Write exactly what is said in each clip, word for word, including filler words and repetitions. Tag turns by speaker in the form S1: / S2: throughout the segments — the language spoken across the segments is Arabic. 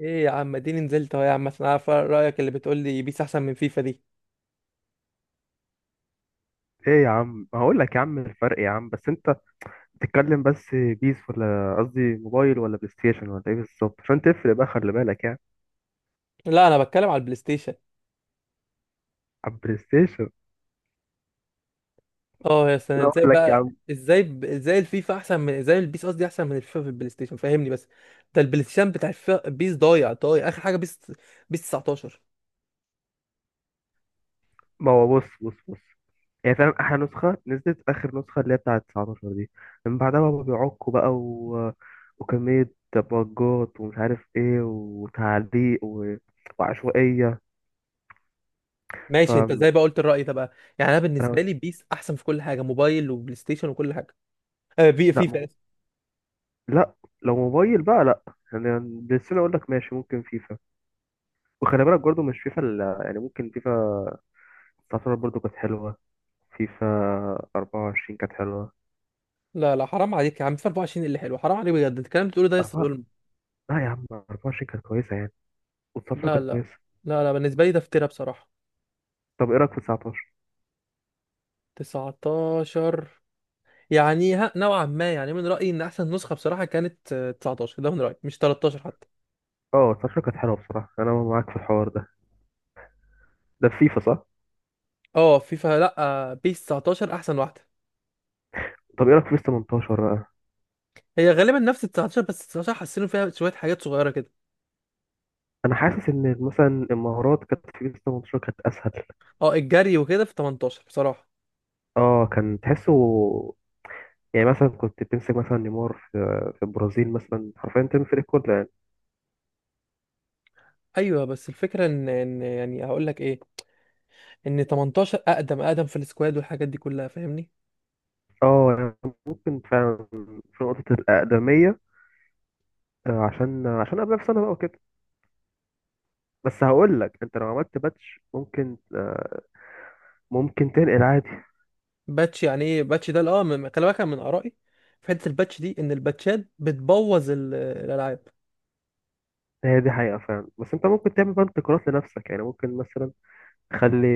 S1: ايه يا عم، اديني نزلت اهو يا عم عشان اعرف رايك اللي بتقول لي، بيس احسن من فيفا دي؟
S2: ايه يا عم، هقول لك يا عم الفرق يا عم، بس انت بتتكلم بس بيس ولا قصدي موبايل ولا بلاي ستيشن ولا ايه بالظبط عشان تفرق بقى، خلي بالك يعني.
S1: لا، انا بتكلم على البلاي ستيشن.
S2: على البلاي ستيشن.
S1: اه يا سنة،
S2: انا
S1: ازاي
S2: اقول لك يا
S1: بقى؟
S2: عم،
S1: ازاي ب- ازاي الفيفا احسن من ازاي البيس قصدي احسن من الفيفا في البلاي ستيشن؟ فهمني بس. ده البلاي ستيشن بتاع الفيفا بيس ضايع ضايع اخر حاجه بيس. بيس تسعتاشر.
S2: ما هو بص بص بص هي فاهم، احلى نسخه نزلت اخر نسخه اللي هي بتاعه تسعة عشر دي، من بعدها بقى بيعكوا بقى و... وكميه بجات، ومش عارف ايه وتعليق و... وعشوائيه. ف
S1: ماشي، انت ازاي بقى قلت الراي ده بقى؟ يعني انا بالنسبه
S2: انا،
S1: لي بيس احسن في كل حاجه، موبايل وبلاي ستيشن وكل حاجه. آه، بي
S2: لا ما
S1: فيفا
S2: هو،
S1: آسف.
S2: لا، لو موبايل بقى لا. يعني بلاي ستيشن اقول لك ماشي، ممكن فيفا. وخلي بالك برضه مش فيفا ال- يعني ممكن فيفا تسعتاشر برضه كانت حلوة. فيفا أربعة وعشرين كانت حلوة.
S1: لا لا، حرام عليك يا عم، فيفا اربعه وعشرين اللي حلو؟ حرام عليك بجد، الكلام اللي بتقوله ده يا اسطى
S2: أربعة.
S1: ظلم.
S2: لا يا عم، أربعة وعشرين كانت كويسة يعني، و19
S1: لا
S2: كانت
S1: لا.
S2: كويسة.
S1: لا لا، بالنسبه لي ده افتراء بصراحه.
S2: طب إيه رأيك في تسعتاشر؟
S1: تسعتاشر؟ يعني ها، نوعا ما، يعني من رأيي ان احسن نسخة بصراحة كانت آه، تسعتاشر، ده من رأيي، مش تلتاشر حتى.
S2: أه، تسعتاشر كانت حلوة بصراحة، أنا معاك في الحوار ده. ده في فيفا صح؟
S1: اه، فيفا لا. آه، بيس تسعة عشر احسن واحدة.
S2: طب إيه رأيك في بيس تمانية عشر بقى؟
S1: هي غالبا نفس ال تسعتاشر، بس تسعتاشر حسنوا فيها شوية حاجات صغيرة كده.
S2: أنا حاسس إن مثلا المهارات كانت في بيس تمنتاشر كانت أسهل.
S1: اه، الجري وكده في تمنتاشر بصراحة.
S2: أه كان تحسه، يعني مثلا كنت بتمسك مثلا نيمار في في البرازيل مثلا، حرفيا تمسك الكورة يعني.
S1: ايوه، بس الفكرة ان ان يعني، هقول لك ايه؟ ان تمنتاشر اقدم اقدم في السكواد والحاجات دي كلها، فاهمني.
S2: اه يعني ممكن فعلا، في نقطة الأقدمية. آه، عشان عشان قبلها بسنة بقى وكده. بس هقول لك، انت لو عملت باتش، ممكن آه، ممكن تنقل عادي.
S1: باتش؟ يعني ايه باتش ده؟ اه من- خلي بالك أنا من آرائي في حتة الباتش دي ان الباتشات بتبوظ ال- الالعاب.
S2: هي دي حقيقة فعلا، بس انت ممكن تعمل بقى انتقالات لنفسك، يعني ممكن مثلا تخلي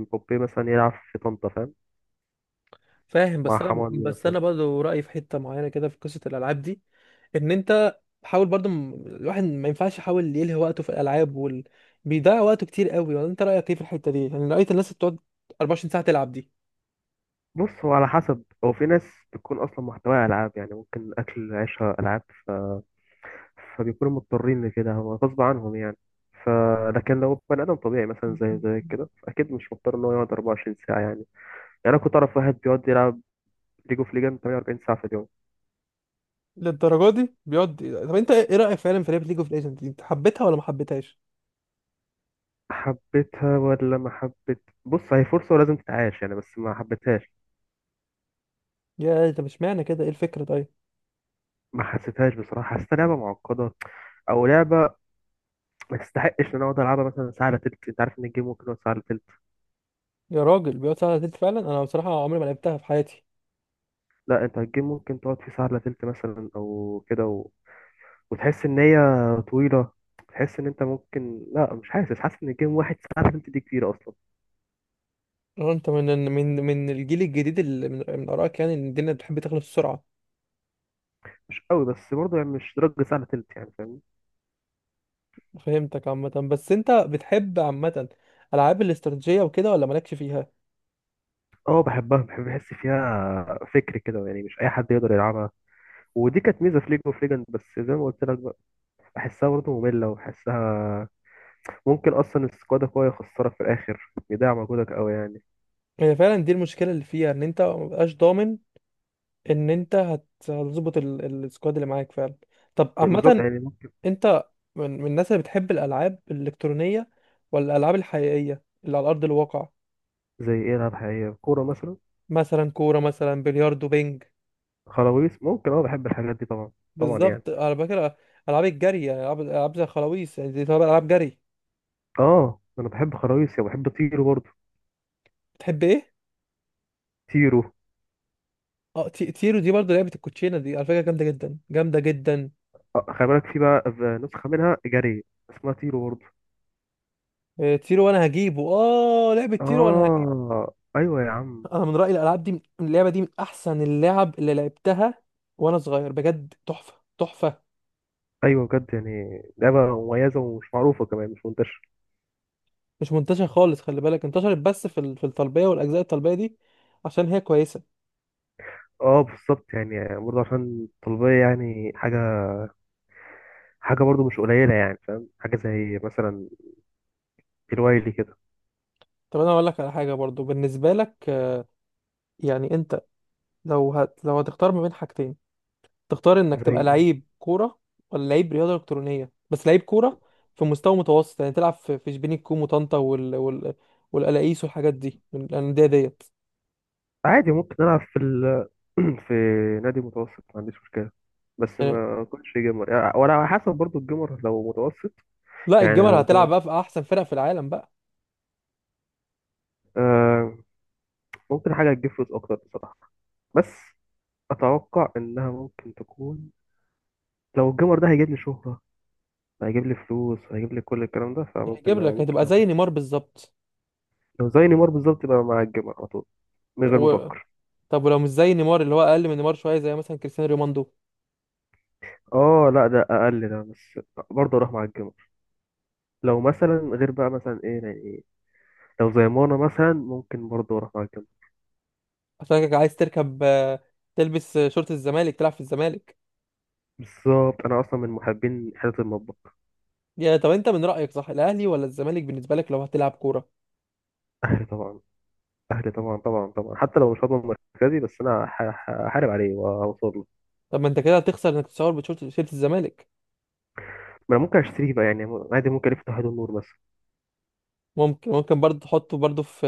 S2: مبابي مثلا يلعب في طنطا، فاهم؟
S1: فاهم،
S2: مع
S1: بس انا
S2: حماني
S1: بس
S2: مثلا.
S1: انا برضه رايي في حته معينه كده في قصه الالعاب دي، ان انت حاول برضه م- الواحد ما ينفعش يحاول يلهي وقته في الالعاب وال... بيضيع وقته كتير قوي. ولا انت رايك ايه في الحته دي؟ يعني رايت الناس اللي بتقعد اربع وعشرين ساعه تلعب دي؟
S2: بص، هو على حسب، هو في ناس بتكون اصلا محتواها العاب، يعني ممكن اكل عيشها العاب. ف... فبيكونوا مضطرين لكده، هو غصب عنهم يعني. ف لكن لو بني ادم طبيعي مثلا زي زي كده، اكيد مش مضطر ان هو يقعد أربعة وعشرين ساعه يعني. يعني انا كنت اعرف واحد بيقعد يلعب ليج اوف ليجند تمانية وأربعين ساعة في اليوم.
S1: للدرجه دي بيقعد؟ طب انت ايه رايك فعلا في لعبه ليج اوف ليجندز دي؟ انت حبيتها ولا ما حبيتهاش؟
S2: حبيتها ولا ما حبيت؟ بص، هي فرصة ولازم تتعاش يعني، بس ما حبيتهاش.
S1: يا طب اشمعنى كده؟ ايه الفكره طيب؟
S2: ما حسيتهاش بصراحة، حسيتها لعبة معقدة. أو لعبة ما تستحقش إن أنا أقعد ألعبها مثلا ساعة إلا تلت. أنت عارف إن الجيم ممكن يقعد ساعة إلا تلت.
S1: يا راجل، بيقعد ساعه تلت فعلا؟ انا بصراحه عمري ما لعبتها في حياتي.
S2: لا أنت الجيم ممكن تقعد فيه ساعة إلا تلت مثلا أو كده، و... وتحس إن هي طويلة. تحس إن أنت ممكن، لا مش حاسس، حاسس إن الجيم واحد ساعة إلا تلت دي كتير أصلا.
S1: اه، انت من من من الجيل الجديد اللي من, من ارائك يعني ان الدنيا بتحب تخلص بسرعه.
S2: مش قوي، بس برضه يعني مش درجة ساعة إلا تلت يعني، فاهمني.
S1: فهمتك عامة. بس انت بتحب عامة العاب الاستراتيجية وكده ولا مالكش فيها؟
S2: أه بحبها، بحب أحس فيها فكر كده، يعني مش أي حد يقدر يلعبها. ودي كانت ميزه في ليج اوف ليجند، بس زي ما قلت لك بقى، بحسها برضه ممله، وبحسها ممكن اصلا السكواد قوي يخسرك في الاخر، يضيع مجهودك قوي يعني.
S1: هي فعلا دي المشكلة اللي فيها، ان انت مبقاش ضامن ان انت هت- هتظبط ال- ال- السكواد اللي معاك فعلا. طب
S2: بالظبط
S1: عامة
S2: يعني، ممكن.
S1: انت من, من الناس اللي بتحب الالعاب الالكترونية ولا الالعاب الحقيقية اللي على ارض الواقع؟
S2: زي ايه؟ العاب حقيقيه، كوره مثلا.
S1: مثلا كورة، مثلا بلياردو، بينج.
S2: خراويص، ممكن. اه بحب الحاجات دي طبعا، طبعا يعني.
S1: بالظبط، على فكرة العاب الجري، يعني العاب العاب زي الخلاويص، يعني دي طبعا العاب جري.
S2: اه انا بحب خراويص، يعني بحب طيرو برضه.
S1: بتحب ايه؟
S2: طيرو.
S1: اه، تي- تيرو دي برضه لعبة الكوتشينة دي، على فكرة جامدة جدا جامدة جدا.
S2: آه، خلي بالك في بقى في نسخه منها جري اسمها طيرو برضه.
S1: آه، تيرو، وانا هجيبه، اه لعبة تيرو وانا هجيبه.
S2: اه ايوه يا عم.
S1: انا من رأيي الالعاب دي، من اللعبة دي، من احسن اللعب اللي لعبتها وانا صغير، بجد تحفة. تحفة.
S2: ايوه بجد، يعني لعبه مميزه ومش معروفه كمان، مش منتشره.
S1: مش منتشر خالص، خلي بالك. انتشرت بس في ال- في الطلبية والاجزاء، الطلبية دي عشان هي كويسة.
S2: اه بالظبط، يعني برضه عشان الطلبية يعني حاجة، حاجة برضه مش قليلة يعني، فاهم؟ حاجة زي مثلا الوايلي كده.
S1: طب انا اقول لك على حاجة برضو بالنسبة لك، آه، يعني انت لو هت... لو هتختار ما بين حاجتين، تختار انك تبقى
S2: زي.
S1: لعيب كورة ولا لعيب رياضة الكترونية؟ بس لعيب كورة في مستوى متوسط، يعني تلعب في في شبين الكوم وطنطا وال... وال... والقلاقيس والحاجات دي، الأندية ديت.
S2: عادي ممكن ألعب في ال... في نادي متوسط، ما عنديش مشكلة. بس
S1: يعني
S2: ما كنتش جيمر يعني، ولا على حسب برضه الجيمر لو متوسط
S1: لا،
S2: يعني.
S1: الجمل
S2: لو
S1: هتلعب
S2: جيمر،
S1: بقى في احسن فرق في العالم بقى.
S2: آه ممكن حاجة تجيب فلوس أكتر بصراحة. بس أتوقع إنها ممكن تكون، لو الجيمر ده هيجيب لي شهرة، هيجيب لي فلوس، هيجيب لي كل الكلام ده، فممكن،
S1: هيجيب لك، هتبقى زي
S2: ممكن.
S1: نيمار بالظبط.
S2: لو زي نيمار بالظبط، يبقى مع الجيمر على طول من غير
S1: و...
S2: مفكر.
S1: طب ولو مش زي نيمار، اللي هو اقل من نيمار شويه، زي مثلا كريستيانو رونالدو؟
S2: اه لا ده اقل، ده بس برضه اروح مع الجمر. لو مثلا غير بقى مثلا ايه، يعني ايه، لو زي مانا مثلا، ممكن برضه اروح مع الجمر.
S1: عشان عايز تركب آه، تلبس آه، شورت الزمالك، تلعب في الزمالك.
S2: بالظبط، انا اصلا من محبين حته المطبخ.
S1: يا طب انت من رايك، صح، الاهلي ولا الزمالك بالنسبه لك لو هتلعب كوره؟
S2: اهلي طبعا. اهلي طبعا، طبعا طبعا، حتى لو مش هضمن مركزي، بس انا ه- ه- هحارب عليه واوصل له.
S1: طب ما انت كده هتخسر انك تصور بشورت شورت الزمالك.
S2: ما انا ممكن اشتريه بقى يعني، عادي، ممكن الف تحت النور مثلا.
S1: ممكن ممكن برضه تحطه برضه في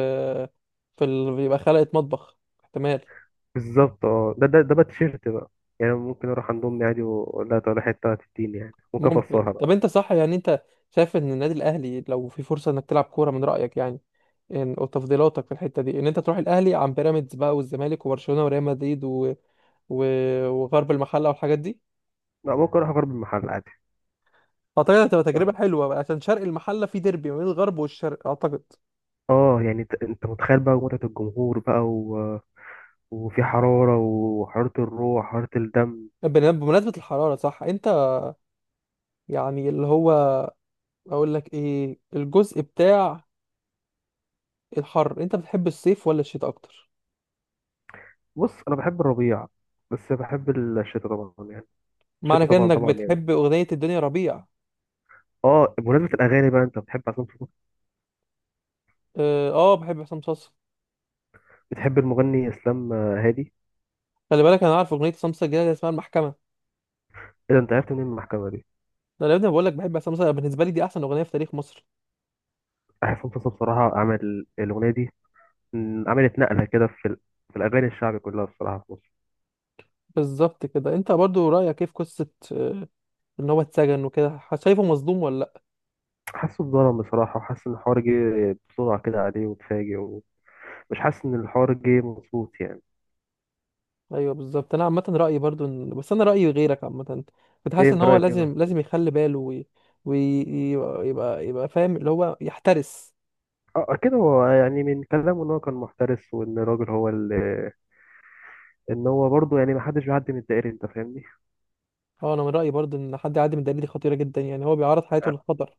S1: في ال... يبقى خلقة مطبخ. احتمال.
S2: بالظبط، اه ده ده ده بقى تيشيرت بقى، يعني ممكن اروح عند امي عادي واقول لها تعالى حته تديني، يعني ممكن
S1: ممكن.
S2: افصلها بقى.
S1: طب انت صح يعني انت شايف ان النادي الاهلي، لو في فرصه انك تلعب كوره، من رايك يعني إن- وتفضيلاتك في الحته دي ان انت تروح الاهلي عن بيراميدز بقى والزمالك وبرشلونه وريال مدريد و... و... وغرب المحله والحاجات دي؟
S2: لا ممكن اروح اجرب المحل عادي.
S1: اعتقد هتبقى تجربه حلوه بقى، عشان شرق المحله في ديربي ما بين الغرب والشرق، اعتقد.
S2: اه يعني، انت انت متخيل بقى متعة الجمهور بقى و... وفي حرارة، وحرارة الروح، حرارة الدم.
S1: بن- بمناسبه الحراره، صح، انت يعني اللي هو، اقول لك ايه، الجزء بتاع الحر، انت بتحب الصيف ولا الشتاء اكتر؟
S2: بص انا بحب الربيع، بس بحب الشتاء طبعا يعني. الشتاء
S1: معنى كده
S2: طبعا،
S1: انك
S2: طبعا يعني.
S1: بتحب اغنيه الدنيا ربيع؟
S2: اه بمناسبة الاغاني بقى، انت بتحب عصام صاصا؟
S1: اه آه، بحب عصام صاصا.
S2: بتحب المغني اسلام هادي؟
S1: خلي بالك انا عارف اغنيه عصام صاصا الجديده اللي اسمها المحكمه.
S2: ايه ده، انت عرفت منين المحكمة دي؟
S1: ده انا يا ابني بقول لك بحب عصام صاصا، بالنسبه لي دي احسن اغنيه في تاريخ مصر.
S2: عصام صاصا بصراحة عمل الاغنية دي، م، عملت نقلة كده في ال... في الاغاني الشعبي كلها بصراحة في مصر.
S1: بالظبط كده. انت برضو رأيك ايه في قصة آه، ان هو اتسجن وكده؟ ح- شايفه مظلوم ولا لا؟
S2: حاسه اتظلم بصراحة، وحاسس ان الحوار جه بسرعة كده عليه وتفاجئ، ومش حاسس ان الحوار جه مظبوط يعني.
S1: ايوه بالظبط، انا عامة رأيي برضو ان... بس انا رأيي غيرك عامة. كنت
S2: ايه
S1: حاسس ان
S2: انت
S1: هو
S2: رايك ايه بقى؟
S1: لازم لازم يخلي باله ويبقى وي... وي- يبقى يبقى فاهم، اللي هو يحترس.
S2: اه كده هو يعني، من كلامه ان هو كان محترس، وان الراجل هو اللي، ان هو برضه يعني ما حدش بيعدي من الدائري، انت فاهمني.
S1: اه، انا من رأيي برضو ان حد يعدي من الدليل دي خطيرة جدا، يعني هو بيعرض حياته
S2: اه.
S1: للخطر.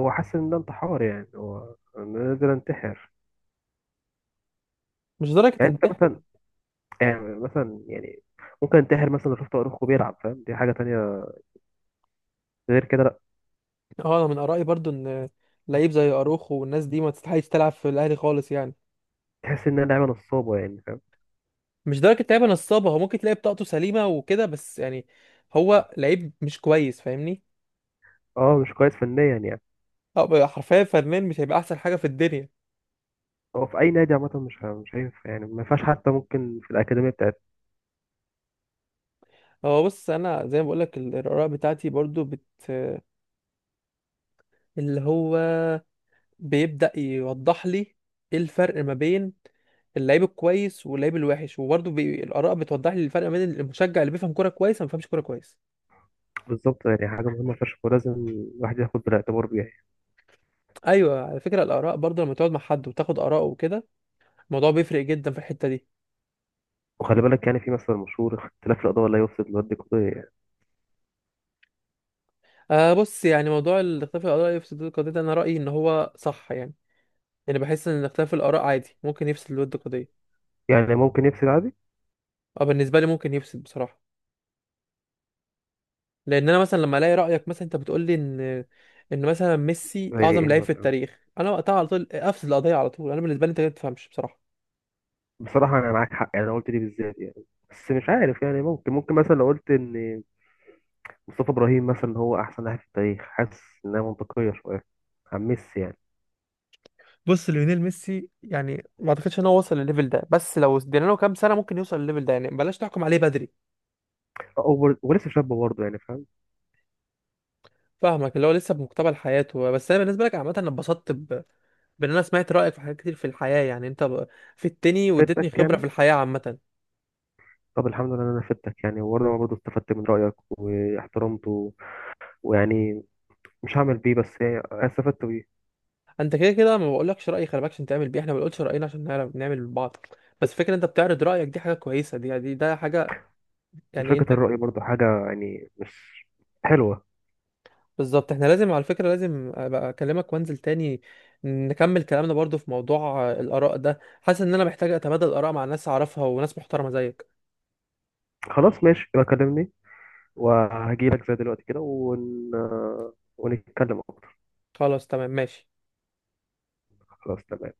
S2: هو حاسس ان ده انتحار، يعني هو انا نقدر انتحر.
S1: مش درجة
S2: يعني انت
S1: تنتحر.
S2: مثلا يعني مثلا يعني ممكن انتحر مثلا لو شفت اخوه بيلعب، فاهم؟ دي حاجه تانية، غير كده لا.
S1: اه، انا من آرائي برضو ان لعيب زي اروخو والناس دي ما تستحقش تلعب في الاهلي خالص، يعني
S2: تحس ان انا لعيبه نصابه يعني، فاهم؟
S1: مش درجة لعيبة نصابة، هو ممكن تلاقي بطاقته سليمة وكده، بس يعني هو لعيب مش كويس، فاهمني.
S2: اه مش كويس فنيا يعني.
S1: أه، حرفيا فنان مش هيبقى أحسن حاجة في الدنيا.
S2: هو في اي نادي عامه مش ه- مش هينفع، يعني ما ينفعش، حتى ممكن في الاكاديميه بتاعت.
S1: هو بص، أنا زي ما بقولك ال- الآراء بتاعتي برضو بت اللي هو بيبدأ يوضح لي إيه الفرق ما بين اللعيب الكويس واللعيب الوحش، وبرضه بي... الآراء بتوضح لي الفرق ما بين المشجع اللي بيفهم كورة كويس وما بيفهمش كورة كويس.
S2: بالظبط، يعني حاجه مهمه فشخ، ولازم الواحد ياخد بالاعتبار بيها.
S1: أيوه، على فكرة الآراء برضه لما تقعد مع حد وتاخد آراءه وكده، الموضوع بيفرق جدا في الحتة دي.
S2: وخلي بالك يعني في مثل مشهور، اختلاف الأضواء لا يفسد للود قضية يعني.
S1: آه بص، يعني موضوع الاختلاف الآراء يفسد الود قضية ده، أنا رأيي إن هو صح يعني. يعني بحس إن اختلاف الآراء عادي ممكن يفسد الود قضية.
S2: يعني ممكن يفسد عادي.
S1: أه، بالنسبة لي ممكن يفسد بصراحة. لأن أنا مثلا لما ألاقي رأيك مثلا، أنت بتقول لي إن إن مثلا ميسي
S2: زي
S1: أعظم
S2: ايه
S1: لعيب في
S2: مثلا؟
S1: التاريخ، أنا وقتها على طول أفسد القضية على طول. أنا بالنسبة لي أنت ما تفهمش بصراحة.
S2: بصراحة أنا معاك حق يعني، أنا قلت دي بالذات يعني. بس مش عارف يعني، ممكن ممكن مثلا لو قلت إن مصطفى إبراهيم مثلا هو أحسن لاعب في التاريخ، حاسس إنها منطقية شوية عن ميسي يعني.
S1: بص، ليونيل ميسي يعني ما أعتقدش إن هو وصل للليفل ده، بس لو ادينا له كام سنة ممكن يوصل للليفل ده، يعني بلاش تحكم عليه بدري.
S2: أوبر ولسه شابة برضه يعني، فاهم؟
S1: فاهمك، اللي هو لسه بمقتبل حياته. بس انا بالنسبه لك عامه انا اتبسطت ب... بان انا سمعت رايك في حاجات كتير في الحياه، يعني انت ب... في التاني واديتني
S2: فدتك
S1: خبره في
S2: يعني.
S1: الحياه عامه.
S2: طب الحمد لله إن أنا فدتك يعني، وأنا برضه استفدت من رأيك واحترمته. ويعني مش هعمل بيه، بس يعني استفدت بيه.
S1: انت كده كده ما بقولكش رايي خلي بالك عشان تعمل بيه، احنا ما بنقولش راينا عشان نعرف نعمل لبعض، بس فكره انت بتعرض رايك دي حاجه كويسه، دي دي ده حاجه، يعني
S2: مشاركة
S1: انت.
S2: الرأي برضه حاجة يعني، مش حلوة.
S1: بالظبط، احنا لازم، على فكره، لازم ابقى اكلمك وانزل تاني، نكمل كلامنا برضو في موضوع آه، الاراء ده، حاسس ان انا محتاج اتبادل اراء مع ناس اعرفها وناس محترمه زيك.
S2: خلاص ماشي، يبقى كلمني، وهجيلك زي دلوقتي كده ون... ونتكلم اكتر.
S1: خلاص، تمام، ماشي.
S2: خلاص تمام.